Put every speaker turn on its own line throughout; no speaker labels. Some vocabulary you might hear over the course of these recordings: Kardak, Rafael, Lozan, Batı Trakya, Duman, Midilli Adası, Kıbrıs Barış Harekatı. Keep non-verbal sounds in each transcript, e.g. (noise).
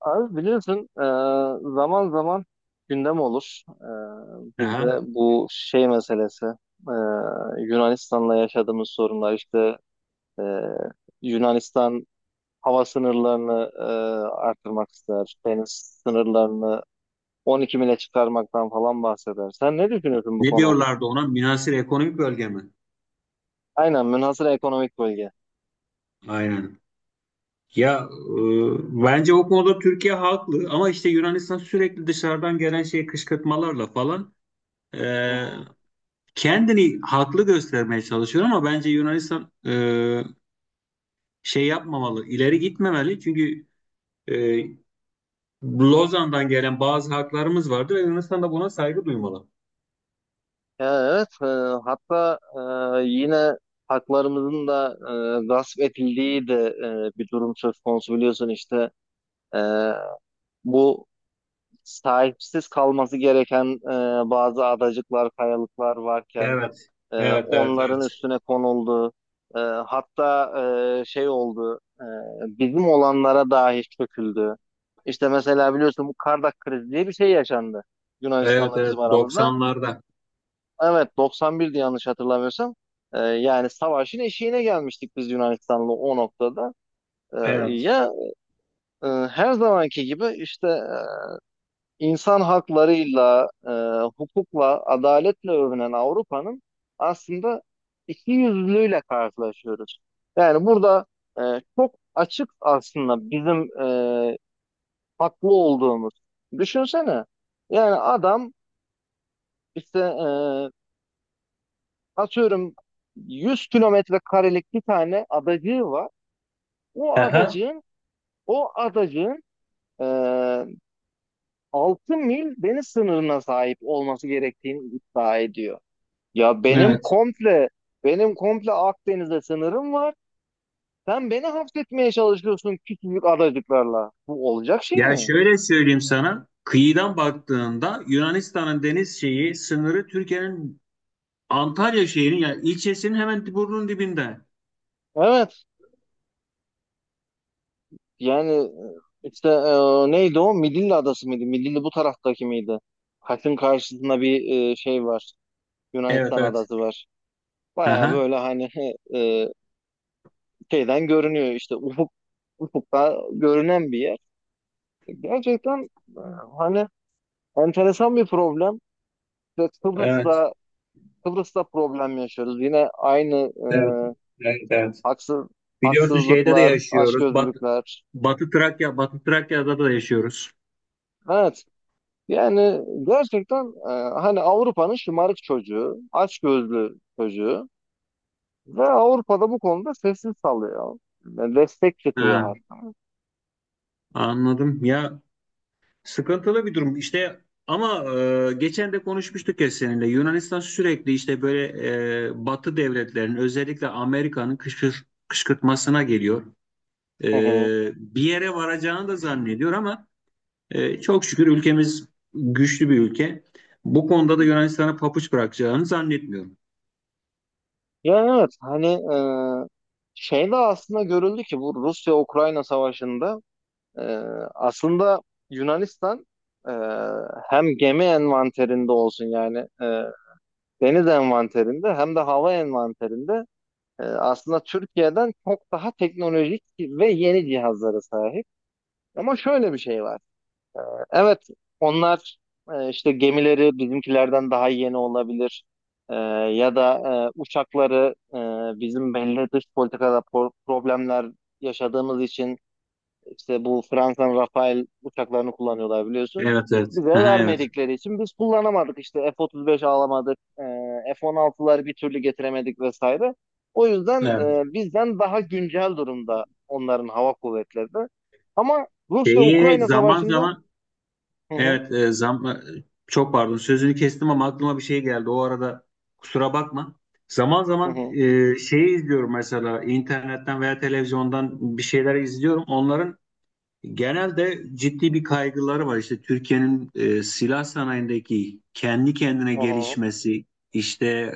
Abi biliyorsun zaman zaman gündem olur. E,
Aha.
bizde bu şey meselesi e, Yunanistan'la yaşadığımız sorunlar işte e, Yunanistan hava sınırlarını artırmak ister. Deniz sınırlarını 12 mile çıkarmaktan falan bahseder. Sen ne düşünüyorsun bu
Ne
konu hakkında?
diyorlardı ona? Münhasır ekonomik bölge mi?
Aynen, münhasır ekonomik bölge.
Aynen. Ya bence o konuda Türkiye haklı ama işte Yunanistan sürekli dışarıdan gelen şey kışkırtmalarla falan e, kendini haklı göstermeye çalışıyor ama bence Yunanistan şey yapmamalı, ileri gitmemeli çünkü e, Lozan'dan gelen bazı haklarımız vardı ve Yunanistan da buna saygı duymalı.
Ya evet, hatta yine haklarımızın da gasp edildiği de bir durum söz konusu, biliyorsun işte e, bu sahipsiz kalması gereken bazı adacıklar, kayalıklar varken
Evet, evet, evet,
onların
evet.
üstüne konuldu. Hatta şey oldu, bizim olanlara dahi çöküldü. İşte mesela biliyorsun, bu Kardak krizi diye bir şey yaşandı
Evet,
Yunanistan'la
evet,
bizim aramızda.
90'larda.
Evet, 91'di yanlış hatırlamıyorsam. Yani savaşın eşiğine gelmiştik biz Yunanistan'la o noktada. Ee,
Evet.
ya her zamanki gibi işte insan haklarıyla, hukukla, adaletle övünen Avrupa'nın aslında iki yüzlülüğüyle karşılaşıyoruz. Yani burada e, çok açık aslında bizim e, haklı olduğumuz. Düşünsene, yani adam işte atıyorum 100 kilometre karelik bir tane adacığı var. O
Aha.
adacığın o adacığın e, 6 mil deniz sınırına sahip olması gerektiğini iddia ediyor. Ya benim
Evet.
komple benim komple Akdeniz'e sınırım var. Sen beni hapsetmeye çalışıyorsun küçücük adacıklarla. Bu olacak şey
Ya
mi?
şöyle söyleyeyim sana, kıyıdan baktığında Yunanistan'ın deniz şeyi sınırı Türkiye'nin Antalya şehrinin ya ilçesinin hemen burnunun dibinde.
Evet. Yani işte neydi o? Midilli Adası mıydı? Midilli bu taraftaki miydi? Kaş'ın karşısında bir şey var.
Evet
Yunanistan
evet.
adası var. Baya
Aha.
böyle, hani e, şeyden görünüyor işte, ufukta görünen bir yer. Gerçekten e, hani enteresan bir problem. İşte
Evet.
Kıbrıs'ta Kıbrıs'ta problem yaşıyoruz. Yine aynı e,
Evet. Evet. Evet.
haksız
Biliyorsun şeyde de
haksızlıklar,
yaşıyoruz.
açgözlülükler.
Batı Trakya, Batı Trakya'da da yaşıyoruz.
Evet. Yani gerçekten hani Avrupa'nın şımarık çocuğu, açgözlü çocuğu ve Avrupa'da bu konuda sessiz kalıyor. Destek çıkıyor
Ha,
hatta.
anladım. Ya, sıkıntılı bir durum, işte, ama geçen de konuşmuştuk ya seninle. Yunanistan sürekli işte böyle Batı devletlerinin özellikle Amerika'nın kışkırtmasına geliyor. E,
Hı hı.
Bir yere varacağını da zannediyor ama çok şükür ülkemiz güçlü bir ülke. Bu konuda da Yunanistan'a papuç bırakacağını zannetmiyorum.
Yani evet, hani e, şey de aslında görüldü ki bu Rusya-Ukrayna savaşında e, aslında Yunanistan e, hem gemi envanterinde olsun, yani deniz envanterinde, hem de hava envanterinde aslında Türkiye'den çok daha teknolojik ve yeni cihazlara sahip. Ama şöyle bir şey var. Evet, onlar işte gemileri bizimkilerden daha yeni olabilir. E, ya da uçakları bizim belli dış politikada problemler yaşadığımız için işte, bu Fransa'nın Rafael uçaklarını kullanıyorlar, biliyorsun.
Evet evet.
Bize
Aha, evet.
vermedikleri için biz kullanamadık işte, F-35 alamadık, F-16'ları bir türlü getiremedik vesaire. O yüzden
Evet.
bizden daha güncel durumda onların hava kuvvetleri de. Ama
Şeyi
Rusya-Ukrayna
zaman
savaşında...
zaman,
Hı hı,
evet, çok pardon, sözünü kestim ama aklıma bir şey geldi. O arada kusura bakma. Zaman
hı
zaman
hı.
şeyi izliyorum, mesela internetten veya televizyondan bir şeyler izliyorum. Onların genelde ciddi bir kaygıları var. İşte Türkiye'nin silah sanayindeki kendi kendine
Hı hı,
gelişmesi, işte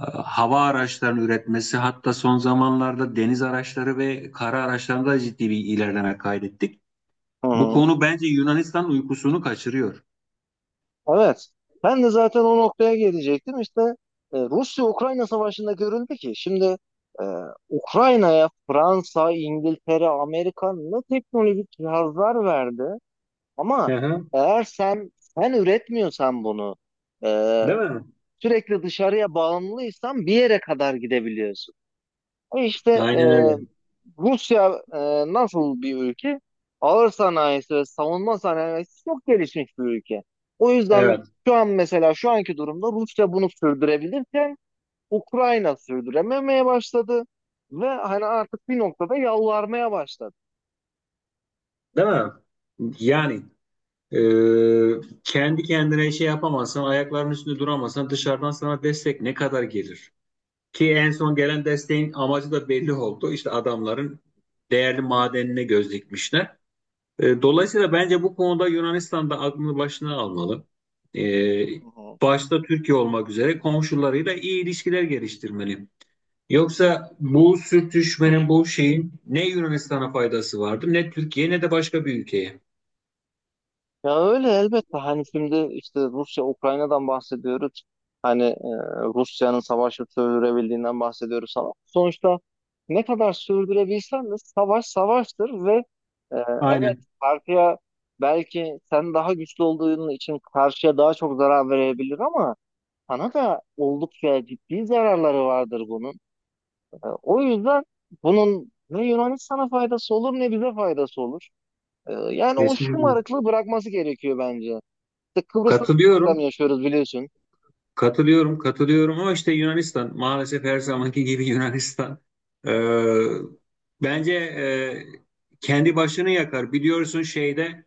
hava araçlarının üretmesi, hatta son zamanlarda deniz araçları ve kara araçlarında ciddi bir ilerleme kaydettik.
hı
Bu
hı.
konu bence Yunanistan'ın uykusunu kaçırıyor.
Evet. Ben de zaten o noktaya gelecektim. İşte Rusya-Ukrayna savaşında görüldü ki şimdi e, Ukrayna'ya Fransa, İngiltere, Amerika ne teknolojik cihazlar verdi. Ama
Hı hı.
eğer sen üretmiyorsan bunu, e,
Değil mi?
sürekli dışarıya bağımlıysan, bir yere kadar gidebiliyorsun. İşte
Aynen öyle.
Rusya nasıl bir ülke? Ağır sanayisi ve savunma sanayisi çok gelişmiş bir ülke. O yüzden
Evet.
şu an, mesela şu anki durumda Rusya bunu sürdürebilirken Ukrayna sürdürememeye başladı ve hani artık bir noktada yalvarmaya başladı.
Değil mi? Yani e, kendi kendine şey yapamazsan, ayaklarının üstünde duramazsan dışarıdan sana destek ne kadar gelir? Ki en son gelen desteğin amacı da belli oldu. İşte adamların değerli madenine göz dikmişler. Dolayısıyla bence bu konuda Yunanistan da aklını başına almalı. E, Başta Türkiye olmak üzere komşularıyla iyi ilişkiler geliştirmeli. Yoksa bu sürtüşmenin, bu şeyin ne Yunanistan'a faydası vardı, ne Türkiye ne de başka bir ülkeye.
Ya öyle elbette, hani şimdi işte Rusya Ukrayna'dan bahsediyoruz. Hani Rusya'nın savaşı sürdürebildiğinden bahsediyoruz ama sonuçta ne kadar sürdürebilsen de savaş savaştır ve e, evet,
Aynen.
karşıya, belki sen daha güçlü olduğun için, karşıya daha çok zarar verebilir ama sana da oldukça ciddi zararları vardır bunun. E, o yüzden bunun ne Yunanistan'a faydası olur, ne bize faydası olur. Yani o
Kesinlikle.
şımarıklığı bırakması gerekiyor bence. İşte Kıbrıs'ta da problem
Katılıyorum,
yaşıyoruz, biliyorsun.
katılıyorum, katılıyorum ama işte Yunanistan maalesef her zamanki gibi (laughs) Yunanistan. Ee, Bence kendi başını yakar. Biliyorsun şeyde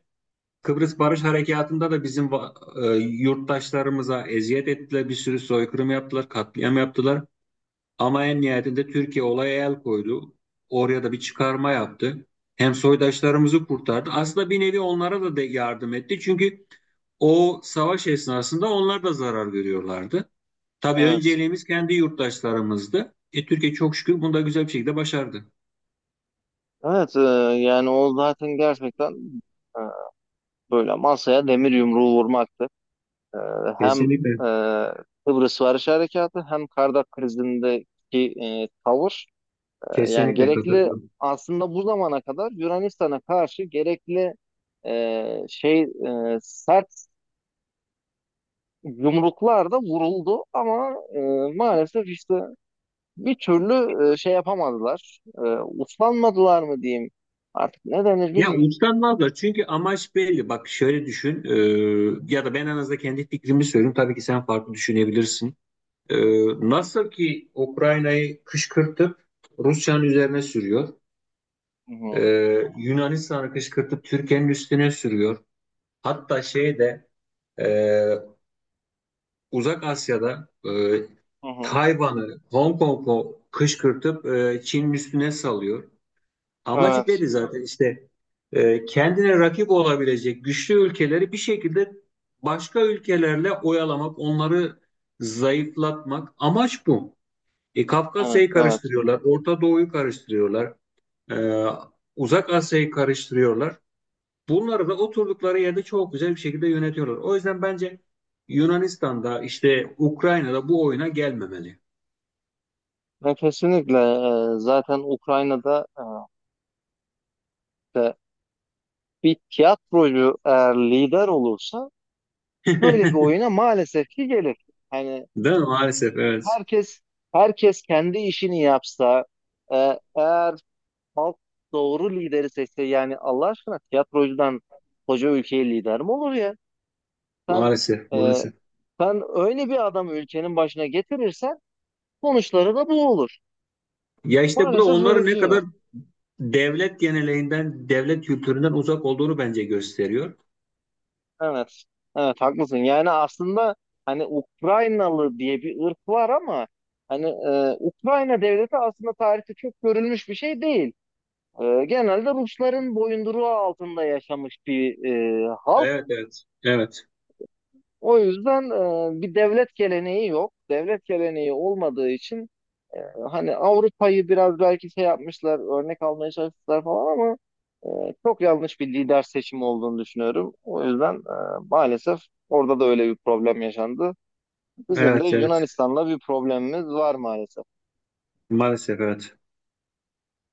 Kıbrıs Barış Harekatı'nda da bizim yurttaşlarımıza eziyet ettiler, bir sürü soykırım yaptılar, katliam yaptılar. Ama en nihayetinde Türkiye olaya el koydu. Oraya da bir çıkarma yaptı. Hem soydaşlarımızı kurtardı. Aslında bir nevi onlara da yardım etti. Çünkü o savaş esnasında onlar da zarar görüyorlardı. Tabii
Evet.
önceliğimiz kendi yurttaşlarımızdı. Türkiye çok şükür bunu da güzel bir şekilde başardı.
Evet, yani o zaten gerçekten e, böyle masaya demir yumruğu vurmaktı. E, hem
Kesinlikle.
e, Kıbrıs Barış Harekatı, hem Kardak krizindeki tavır. Yani
Kesinlikle
gerekli,
katılıyorum.
aslında bu zamana kadar Yunanistan'a karşı gerekli şey, sert yumruklar da vuruldu ama maalesef işte bir türlü şey yapamadılar. Uslanmadılar mı diyeyim. Artık ne denir
Ya
bilmiyorum.
uçlanmazlar çünkü amaç belli. Bak şöyle düşün, ya da ben en azından kendi fikrimi söyleyeyim. Tabii ki sen farklı düşünebilirsin. Ee, Nasıl ki Ukrayna'yı kışkırtıp Rusya'nın üzerine sürüyor.
Hı hı,
Yunanistan'ı kışkırtıp Türkiye'nin üstüne sürüyor. Hatta şeyde e, Uzak Asya'da
hı hı.
Tayvan'ı, Hong Kong'u kışkırtıp Çin'in üstüne salıyor. Amacı
Evet,
belli zaten, işte kendine rakip olabilecek güçlü ülkeleri bir şekilde başka ülkelerle oyalamak, onları zayıflatmak amaç bu.
evet,
Kafkasya'yı
evet.
karıştırıyorlar, Orta Doğu'yu karıştırıyorlar, e, Uzak Asya'yı karıştırıyorlar. Bunları da oturdukları yerde çok güzel bir şekilde yönetiyorlar. O yüzden bence Yunanistan'da işte Ukrayna'da bu oyuna gelmemeli.
Ve kesinlikle zaten Ukrayna'da de bir tiyatrocu eğer lider olursa böyle bir
(laughs)
oyuna maalesef ki gelir. Hani
Değil mi? Maalesef evet.
herkes herkes kendi işini yapsa, eğer halk doğru lideri seçse, yani Allah aşkına, tiyatrocudan koca ülkeye lider mi olur ya? Sen
Maalesef,
e,
maalesef.
Sen öyle bir adamı ülkenin başına getirirsen sonuçları da bu olur.
Ya işte bu da
Maalesef öyle
onların
bir
ne
şey var.
kadar devlet geleneğinden, devlet kültüründen uzak olduğunu bence gösteriyor.
Evet. Evet, haklısın. Yani aslında, hani Ukraynalı diye bir ırk var ama hani Ukrayna devleti aslında tarihte çok görülmüş bir şey değil. Genelde Rusların boyunduruğu altında yaşamış bir halk.
Evet evet. Evet,
O yüzden bir devlet geleneği yok. Devlet geleneği olmadığı için e, hani Avrupa'yı biraz belki şey yapmışlar, örnek almaya çalıştılar falan ama çok yanlış bir lider seçimi olduğunu düşünüyorum. O yüzden maalesef orada da öyle bir problem yaşandı. Bizim de
evet, evet.
Yunanistan'la bir problemimiz var maalesef.
Maalesef evet.